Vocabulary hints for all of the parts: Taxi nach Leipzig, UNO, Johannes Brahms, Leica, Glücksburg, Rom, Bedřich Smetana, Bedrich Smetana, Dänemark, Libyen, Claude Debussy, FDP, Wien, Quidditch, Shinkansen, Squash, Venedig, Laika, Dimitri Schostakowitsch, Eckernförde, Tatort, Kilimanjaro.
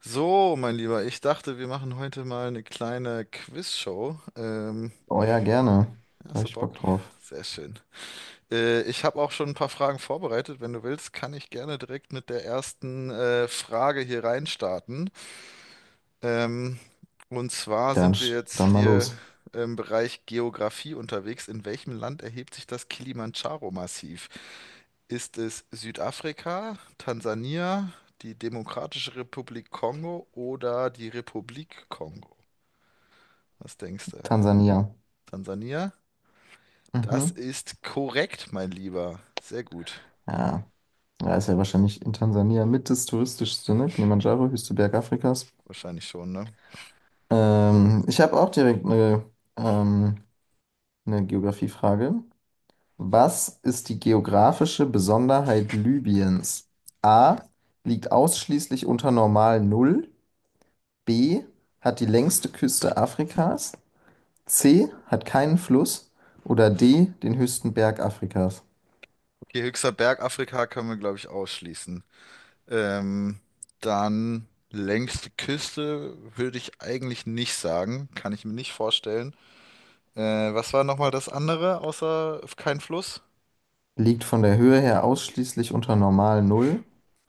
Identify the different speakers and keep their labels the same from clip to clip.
Speaker 1: So, mein Lieber, ich dachte, wir machen heute mal eine kleine Quizshow.
Speaker 2: Oh ja, gerne. Da
Speaker 1: Hast
Speaker 2: hab
Speaker 1: du
Speaker 2: ich
Speaker 1: Bock?
Speaker 2: Bock drauf.
Speaker 1: Sehr schön. Ich habe auch schon ein paar Fragen vorbereitet. Wenn du willst, kann ich gerne direkt mit der ersten Frage hier reinstarten. Ähm, und zwar
Speaker 2: Dann,
Speaker 1: sind wir
Speaker 2: sch-
Speaker 1: jetzt
Speaker 2: dann mal
Speaker 1: hier
Speaker 2: los.
Speaker 1: im Bereich Geografie unterwegs. In welchem Land erhebt sich das Kilimandscharo-Massiv? Ist es Südafrika, Tansania, die Demokratische Republik Kongo oder die Republik Kongo? Was denkst du?
Speaker 2: Tansania.
Speaker 1: Tansania? Das
Speaker 2: Mhm.
Speaker 1: ist korrekt, mein Lieber. Sehr gut.
Speaker 2: Ja, da ist ja wahrscheinlich in Tansania mit das touristischste, ne? Kilimanjaro, höchste Berg Afrikas.
Speaker 1: Wahrscheinlich schon, ne?
Speaker 2: Ich habe auch direkt ähm, eine Geografiefrage. Was ist die geografische Besonderheit Libyens? A. Liegt ausschließlich unter Normal Null. B. Hat die längste Küste Afrikas. C hat keinen Fluss oder D den höchsten Berg Afrikas.
Speaker 1: Okay, höchster Berg Afrika können wir, glaube ich, ausschließen. Ähm, dann längste Küste würde ich eigentlich nicht sagen. Kann ich mir nicht vorstellen. Was war nochmal das andere, außer kein Fluss?
Speaker 2: Liegt von der Höhe her ausschließlich unter normal Null.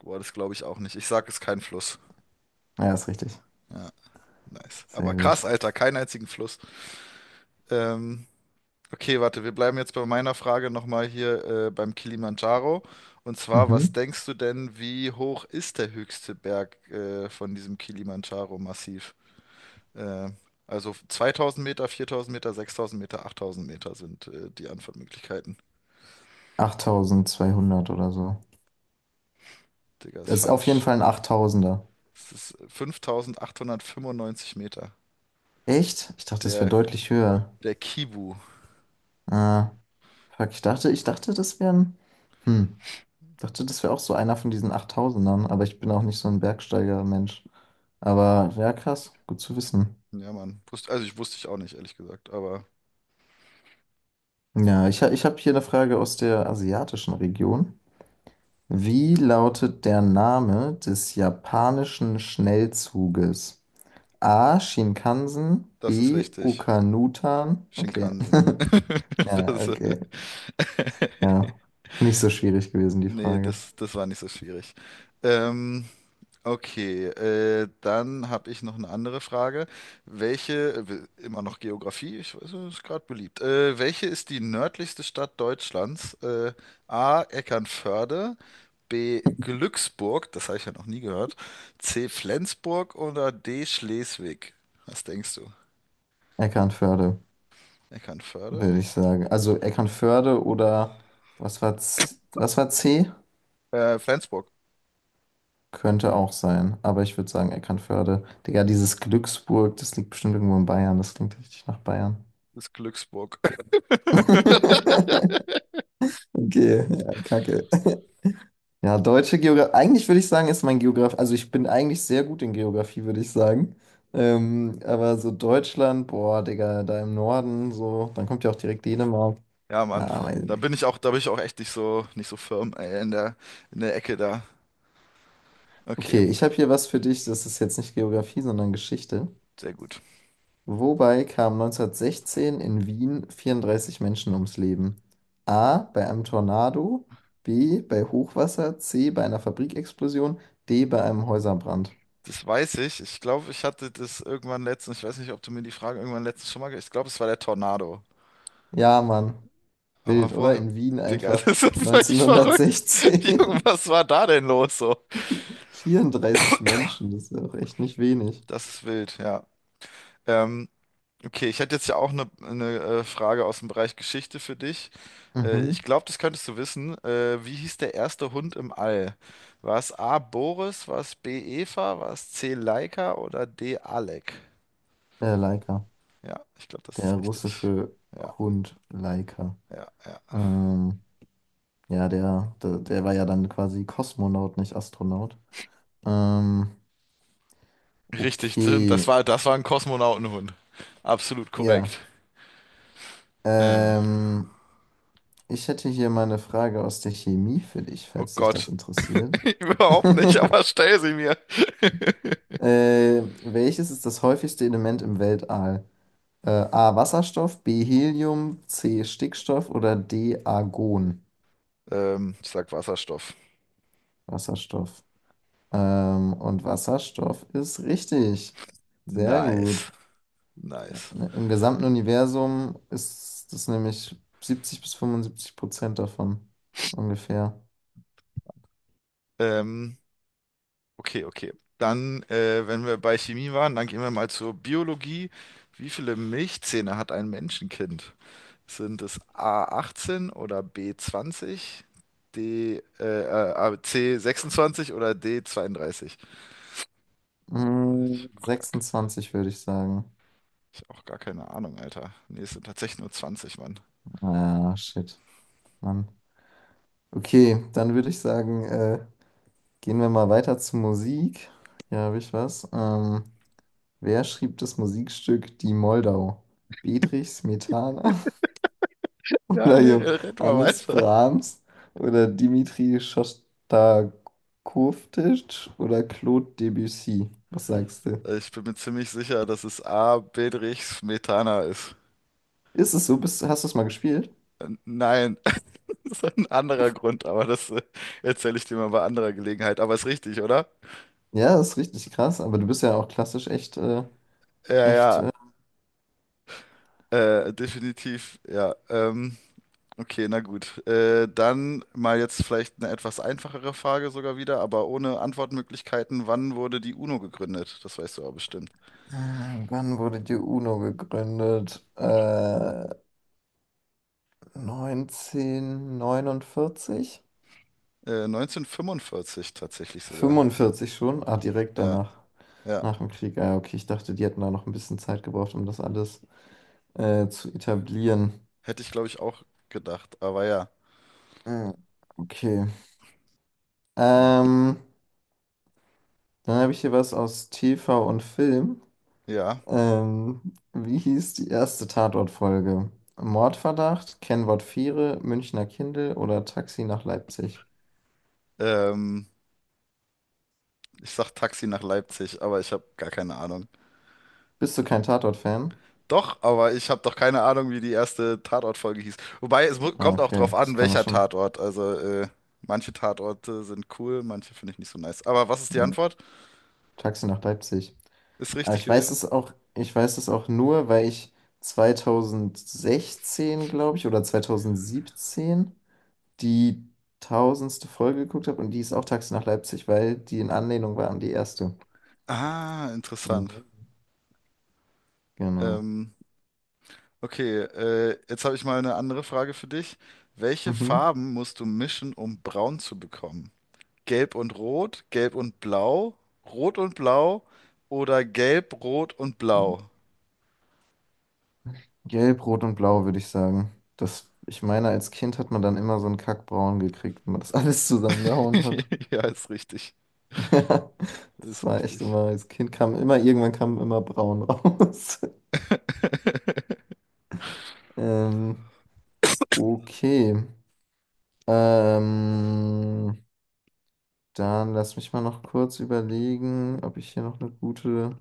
Speaker 1: Boah, das glaube ich auch nicht. Ich sage es kein Fluss.
Speaker 2: Ja, ist richtig.
Speaker 1: Nice.
Speaker 2: Sehr
Speaker 1: Aber krass,
Speaker 2: gut.
Speaker 1: Alter, keinen einzigen Fluss. Ähm, okay, warte, wir bleiben jetzt bei meiner Frage nochmal hier beim Kilimanjaro. Und zwar, was
Speaker 2: Mhm.
Speaker 1: denkst du denn, wie hoch ist der höchste Berg von diesem Kilimanjaro-Massiv? Äh, also 2000 Meter, 4000 Meter, 6000 Meter, 8000 Meter sind die Antwortmöglichkeiten.
Speaker 2: 8200 oder so.
Speaker 1: Digga, ist
Speaker 2: Das ist auf jeden
Speaker 1: falsch.
Speaker 2: Fall ein Achttausender.
Speaker 1: Es ist 5895 Meter.
Speaker 2: Echt? Ich dachte, es wäre
Speaker 1: Der,
Speaker 2: deutlich höher.
Speaker 1: der Kibu.
Speaker 2: Ah, fuck, ich dachte, das wären. Hm. Ich dachte, das wäre auch so einer von diesen Achttausendern, aber ich bin auch nicht so ein Bergsteiger-Mensch. Aber ja, krass, gut zu wissen.
Speaker 1: Ja, Mann. Also ich wusste ich auch nicht, ehrlich gesagt. Aber
Speaker 2: Ja, ich habe hier eine Frage aus der asiatischen Region. Wie lautet der Name des japanischen Schnellzuges? A. Shinkansen,
Speaker 1: das ist
Speaker 2: B.
Speaker 1: richtig.
Speaker 2: Okanutan. Okay.
Speaker 1: Shinkansen.
Speaker 2: Ja,
Speaker 1: Das,
Speaker 2: okay. Ja. Nicht so schwierig gewesen, die
Speaker 1: nee,
Speaker 2: Frage.
Speaker 1: das war nicht so schwierig. Ähm, Okay, dann habe ich noch eine andere Frage. Immer noch Geografie, ich weiß, es ist gerade beliebt. Welche ist die nördlichste Stadt Deutschlands? A. Eckernförde, B. Glücksburg, das habe ich ja noch nie gehört, C. Flensburg oder D. Schleswig? Was denkst du?
Speaker 2: Eckernförde,
Speaker 1: Eckernförde?
Speaker 2: würde ich sagen. Also Eckernförde oder was war C? Was war C?
Speaker 1: Flensburg
Speaker 2: Könnte auch sein, aber ich würde sagen Eckernförde. Digga, dieses Glücksburg, das liegt bestimmt irgendwo in Bayern. Das klingt richtig nach Bayern.
Speaker 1: ist Glücksburg.
Speaker 2: Okay, ja, kacke. Ja, deutsche Geografie. Eigentlich würde ich sagen, ist mein Geograf. Also ich bin eigentlich sehr gut in Geografie, würde ich sagen. Aber so Deutschland, boah, Digga, da im Norden, so, dann kommt ja auch direkt Dänemark.
Speaker 1: Ja, Mann,
Speaker 2: Ja, weiß ich
Speaker 1: da bin
Speaker 2: nicht.
Speaker 1: ich auch, da bin ich auch echt nicht so, nicht so firm, ey, in der Ecke da. Okay,
Speaker 2: Okay, ich habe hier was für dich. Das ist jetzt nicht Geografie, sondern Geschichte.
Speaker 1: sehr gut.
Speaker 2: Wobei kamen 1916 in Wien 34 Menschen ums Leben? A. Bei einem Tornado. B. Bei Hochwasser. C. Bei einer Fabrikexplosion. D. Bei einem Häuserbrand.
Speaker 1: Das weiß ich. Ich glaube, ich hatte das irgendwann letztens, ich weiß nicht, ob du mir die Frage irgendwann letztens schon mal, ich glaube, es war der Tornado.
Speaker 2: Ja, Mann. Wild,
Speaker 1: Aber
Speaker 2: oder?
Speaker 1: woher,
Speaker 2: In Wien
Speaker 1: Digga,
Speaker 2: einfach
Speaker 1: das ist völlig verrückt. Junge,
Speaker 2: 1916
Speaker 1: was war da denn los so?
Speaker 2: 34 Menschen, das ist ja auch echt nicht wenig.
Speaker 1: Das ist wild, ja. Ähm, okay, ich hätte jetzt ja auch eine Frage aus dem Bereich Geschichte für dich. Ich
Speaker 2: Mhm.
Speaker 1: glaube, das könntest du wissen. Wie hieß der erste Hund im All? War es A. Boris, war es B. Eva, war es C. Laika oder D. Alec?
Speaker 2: Der Leica,
Speaker 1: Ja, ich glaube, das ist
Speaker 2: der
Speaker 1: richtig.
Speaker 2: russische
Speaker 1: Ja,
Speaker 2: Hund Leica.
Speaker 1: ja, ja.
Speaker 2: Ähm, ja, der war ja dann quasi Kosmonaut, nicht Astronaut. Ähm,
Speaker 1: Richtig,
Speaker 2: okay,
Speaker 1: das war ein Kosmonautenhund. Absolut korrekt.
Speaker 2: ja.
Speaker 1: Äh,
Speaker 2: Ähm, ich hätte hier mal eine Frage aus der Chemie für dich,
Speaker 1: oh
Speaker 2: falls dich
Speaker 1: Gott,
Speaker 2: das interessiert.
Speaker 1: überhaupt nicht, aber stell sie mir.
Speaker 2: Welches ist das häufigste Element im Weltall? A. Wasserstoff, B. Helium, C. Stickstoff oder D. Argon.
Speaker 1: Ich sag Wasserstoff.
Speaker 2: Wasserstoff. Und Wasserstoff ist richtig. Sehr
Speaker 1: Nice,
Speaker 2: gut.
Speaker 1: nice.
Speaker 2: Im gesamten Universum ist das nämlich 70 bis 75% davon. Ungefähr.
Speaker 1: Ähm, okay, okay. Dann, wenn wir bei Chemie waren, dann gehen wir mal zur Biologie. Wie viele Milchzähne hat ein Menschenkind? Sind es A18 oder B20, C26 oder D32? Boah, ich hab auch gar
Speaker 2: 26 würde ich sagen.
Speaker 1: Ich hab auch gar keine Ahnung, Alter. Nee, es sind tatsächlich nur 20, Mann.
Speaker 2: Ah, shit, Mann. Okay, dann würde ich sagen, gehen wir mal weiter zu Musik. Hier habe ich was. Wer schrieb das Musikstück Die Moldau? Bedřich Smetana
Speaker 1: Ja,
Speaker 2: oder
Speaker 1: nee, red mal
Speaker 2: Johannes
Speaker 1: weiter.
Speaker 2: Brahms oder Dimitri Schostakowitsch oder Claude Debussy? Was sagst du?
Speaker 1: Ich bin mir ziemlich sicher, dass es A. Bedrich Smetana ist.
Speaker 2: Ist es so? Hast du es mal gespielt?
Speaker 1: Nein, das ist ein anderer Grund, aber das erzähle ich dir mal bei anderer Gelegenheit. Aber ist richtig, oder?
Speaker 2: Ja, das ist richtig krass, aber du bist ja auch klassisch echt, äh,
Speaker 1: Ja,
Speaker 2: echt.
Speaker 1: ja,
Speaker 2: Äh,
Speaker 1: definitiv, ja. Okay, na gut. Dann mal jetzt vielleicht eine etwas einfachere Frage sogar wieder, aber ohne Antwortmöglichkeiten. Wann wurde die UNO gegründet? Das weißt du aber bestimmt.
Speaker 2: äh, wann wurde die UNO gegründet? 1949?
Speaker 1: 1945 tatsächlich sogar.
Speaker 2: 45 schon? Ah, direkt
Speaker 1: Ja,
Speaker 2: danach.
Speaker 1: ja.
Speaker 2: Nach dem Krieg. Ah, okay, ich dachte, die hätten da noch ein bisschen Zeit gebraucht, um das alles zu etablieren.
Speaker 1: Hätte ich, glaube ich, auch gedacht. Aber ja,
Speaker 2: Hm. Okay.
Speaker 1: ja,
Speaker 2: Ähm, dann habe ich hier was aus TV und Film.
Speaker 1: ja.
Speaker 2: Wie hieß die erste Tatort-Folge? Mordverdacht, Kennwort Viere, Münchner Kindel oder Taxi nach Leipzig?
Speaker 1: Ähm, ich sag Taxi nach Leipzig, aber ich habe gar keine Ahnung.
Speaker 2: Bist du kein Tatort-Fan?
Speaker 1: Doch, aber ich habe doch keine Ahnung, wie die erste Tatort-Folge hieß. Wobei, es mu-
Speaker 2: Ah,
Speaker 1: kommt auch drauf
Speaker 2: okay, das
Speaker 1: an,
Speaker 2: kann man
Speaker 1: welcher
Speaker 2: schon.
Speaker 1: Tatort. Also, manche Tatorte sind cool, manche finde ich nicht so nice. Aber was ist die
Speaker 2: Hm.
Speaker 1: Antwort?
Speaker 2: Taxi nach Leipzig.
Speaker 1: Ist
Speaker 2: Aber
Speaker 1: richtig
Speaker 2: ich weiß
Speaker 1: gewesen?
Speaker 2: es auch, ich weiß es auch nur, weil ich 2016, glaube ich, oder 2017 die 1000. Folge geguckt habe und die ist auch Taxi nach Leipzig, weil die in Anlehnung war an die erste.
Speaker 1: Ah, interessant.
Speaker 2: Mhm. Genau.
Speaker 1: Ähm, okay, jetzt habe ich mal eine andere Frage für dich. Welche
Speaker 2: Mhm.
Speaker 1: Farben musst du mischen, um braun zu bekommen? Gelb und Rot, Gelb und Blau, Rot und Blau oder Gelb, Rot und Blau.
Speaker 2: Gelb, Rot und Blau, würde ich sagen. Das, ich meine, als Kind hat man dann immer so einen Kackbraun gekriegt, wenn man das alles zusammengehauen hat.
Speaker 1: Ja, ist richtig.
Speaker 2: Das
Speaker 1: Ist
Speaker 2: war echt
Speaker 1: richtig.
Speaker 2: immer, als Kind kam immer, irgendwann kam immer braun raus. Ähm, okay. Ähm, dann lass mich mal noch kurz überlegen, ob ich hier noch eine gute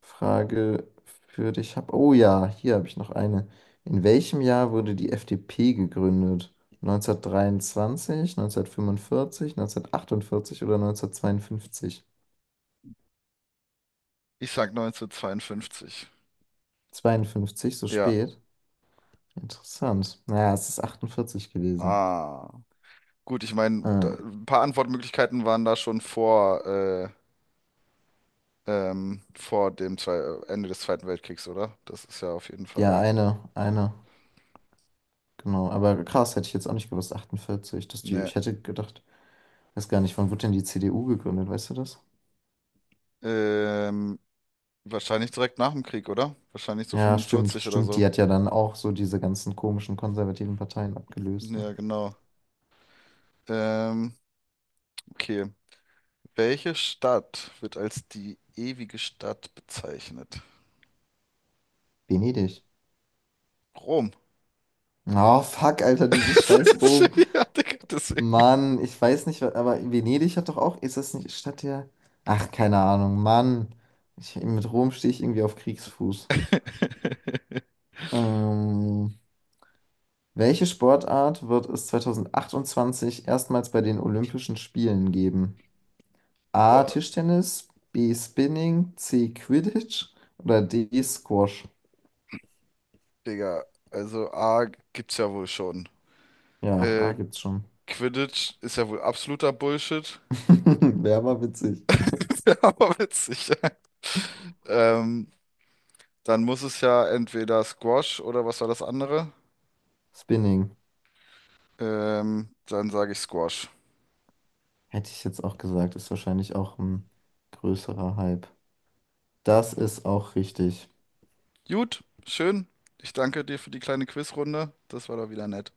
Speaker 2: Frage für dich habe. Oh ja, hier habe ich noch eine. In welchem Jahr wurde die FDP gegründet? 1923, 1945, 1948 oder 1952?
Speaker 1: Ich sag 1952.
Speaker 2: Zweiundfünfzig? So
Speaker 1: Ja.
Speaker 2: spät? Interessant. Naja, es ist 48 gewesen.
Speaker 1: Ah. Gut, ich meine,
Speaker 2: Äh,
Speaker 1: ein paar Antwortmöglichkeiten waren da schon vor, vor dem Zwe Ende des Zweiten Weltkriegs, oder? Das ist ja auf jeden
Speaker 2: ja,
Speaker 1: Fall.
Speaker 2: genau. Aber krass, hätte ich jetzt auch nicht gewusst, 48. Dass die.
Speaker 1: Ne.
Speaker 2: Ich hätte gedacht. Weiß gar nicht, wann wurde denn die CDU gegründet, weißt du das?
Speaker 1: Ähm, wahrscheinlich direkt nach dem Krieg, oder? Wahrscheinlich so
Speaker 2: Ja, stimmt,
Speaker 1: 45 oder
Speaker 2: stimmt.
Speaker 1: so.
Speaker 2: Die hat ja dann auch so diese ganzen komischen konservativen Parteien abgelöst, ne?
Speaker 1: Ja, genau. Ähm, okay. Welche Stadt wird als die ewige Stadt bezeichnet?
Speaker 2: Venedig.
Speaker 1: Rom.
Speaker 2: Oh, fuck, Alter, dieses scheiß Rom.
Speaker 1: Ja, Digga, deswegen.
Speaker 2: Mann, ich weiß nicht, aber Venedig hat doch auch, ist das nicht Stadt der... Ach, keine Ahnung, Mann. Mit Rom stehe ich irgendwie auf Kriegsfuß. Ähm, welche Sportart wird es 2028 erstmals bei den Olympischen Spielen geben? A.
Speaker 1: Boah,
Speaker 2: Tischtennis, B. Spinning, C. Quidditch oder D. Squash.
Speaker 1: Digga, also A gibt's ja wohl schon.
Speaker 2: Ja, A
Speaker 1: Äh,
Speaker 2: gibt's schon.
Speaker 1: Quidditch ist ja wohl absoluter Bullshit,
Speaker 2: Wäre aber witzig.
Speaker 1: aber witzig. Ähm, dann muss es ja entweder Squash oder was war das andere?
Speaker 2: Spinning.
Speaker 1: Dann sage ich Squash.
Speaker 2: Hätte ich jetzt auch gesagt, ist wahrscheinlich auch ein größerer Hype. Das ist auch richtig.
Speaker 1: Gut, schön. Ich danke dir für die kleine Quizrunde. Das war doch wieder nett.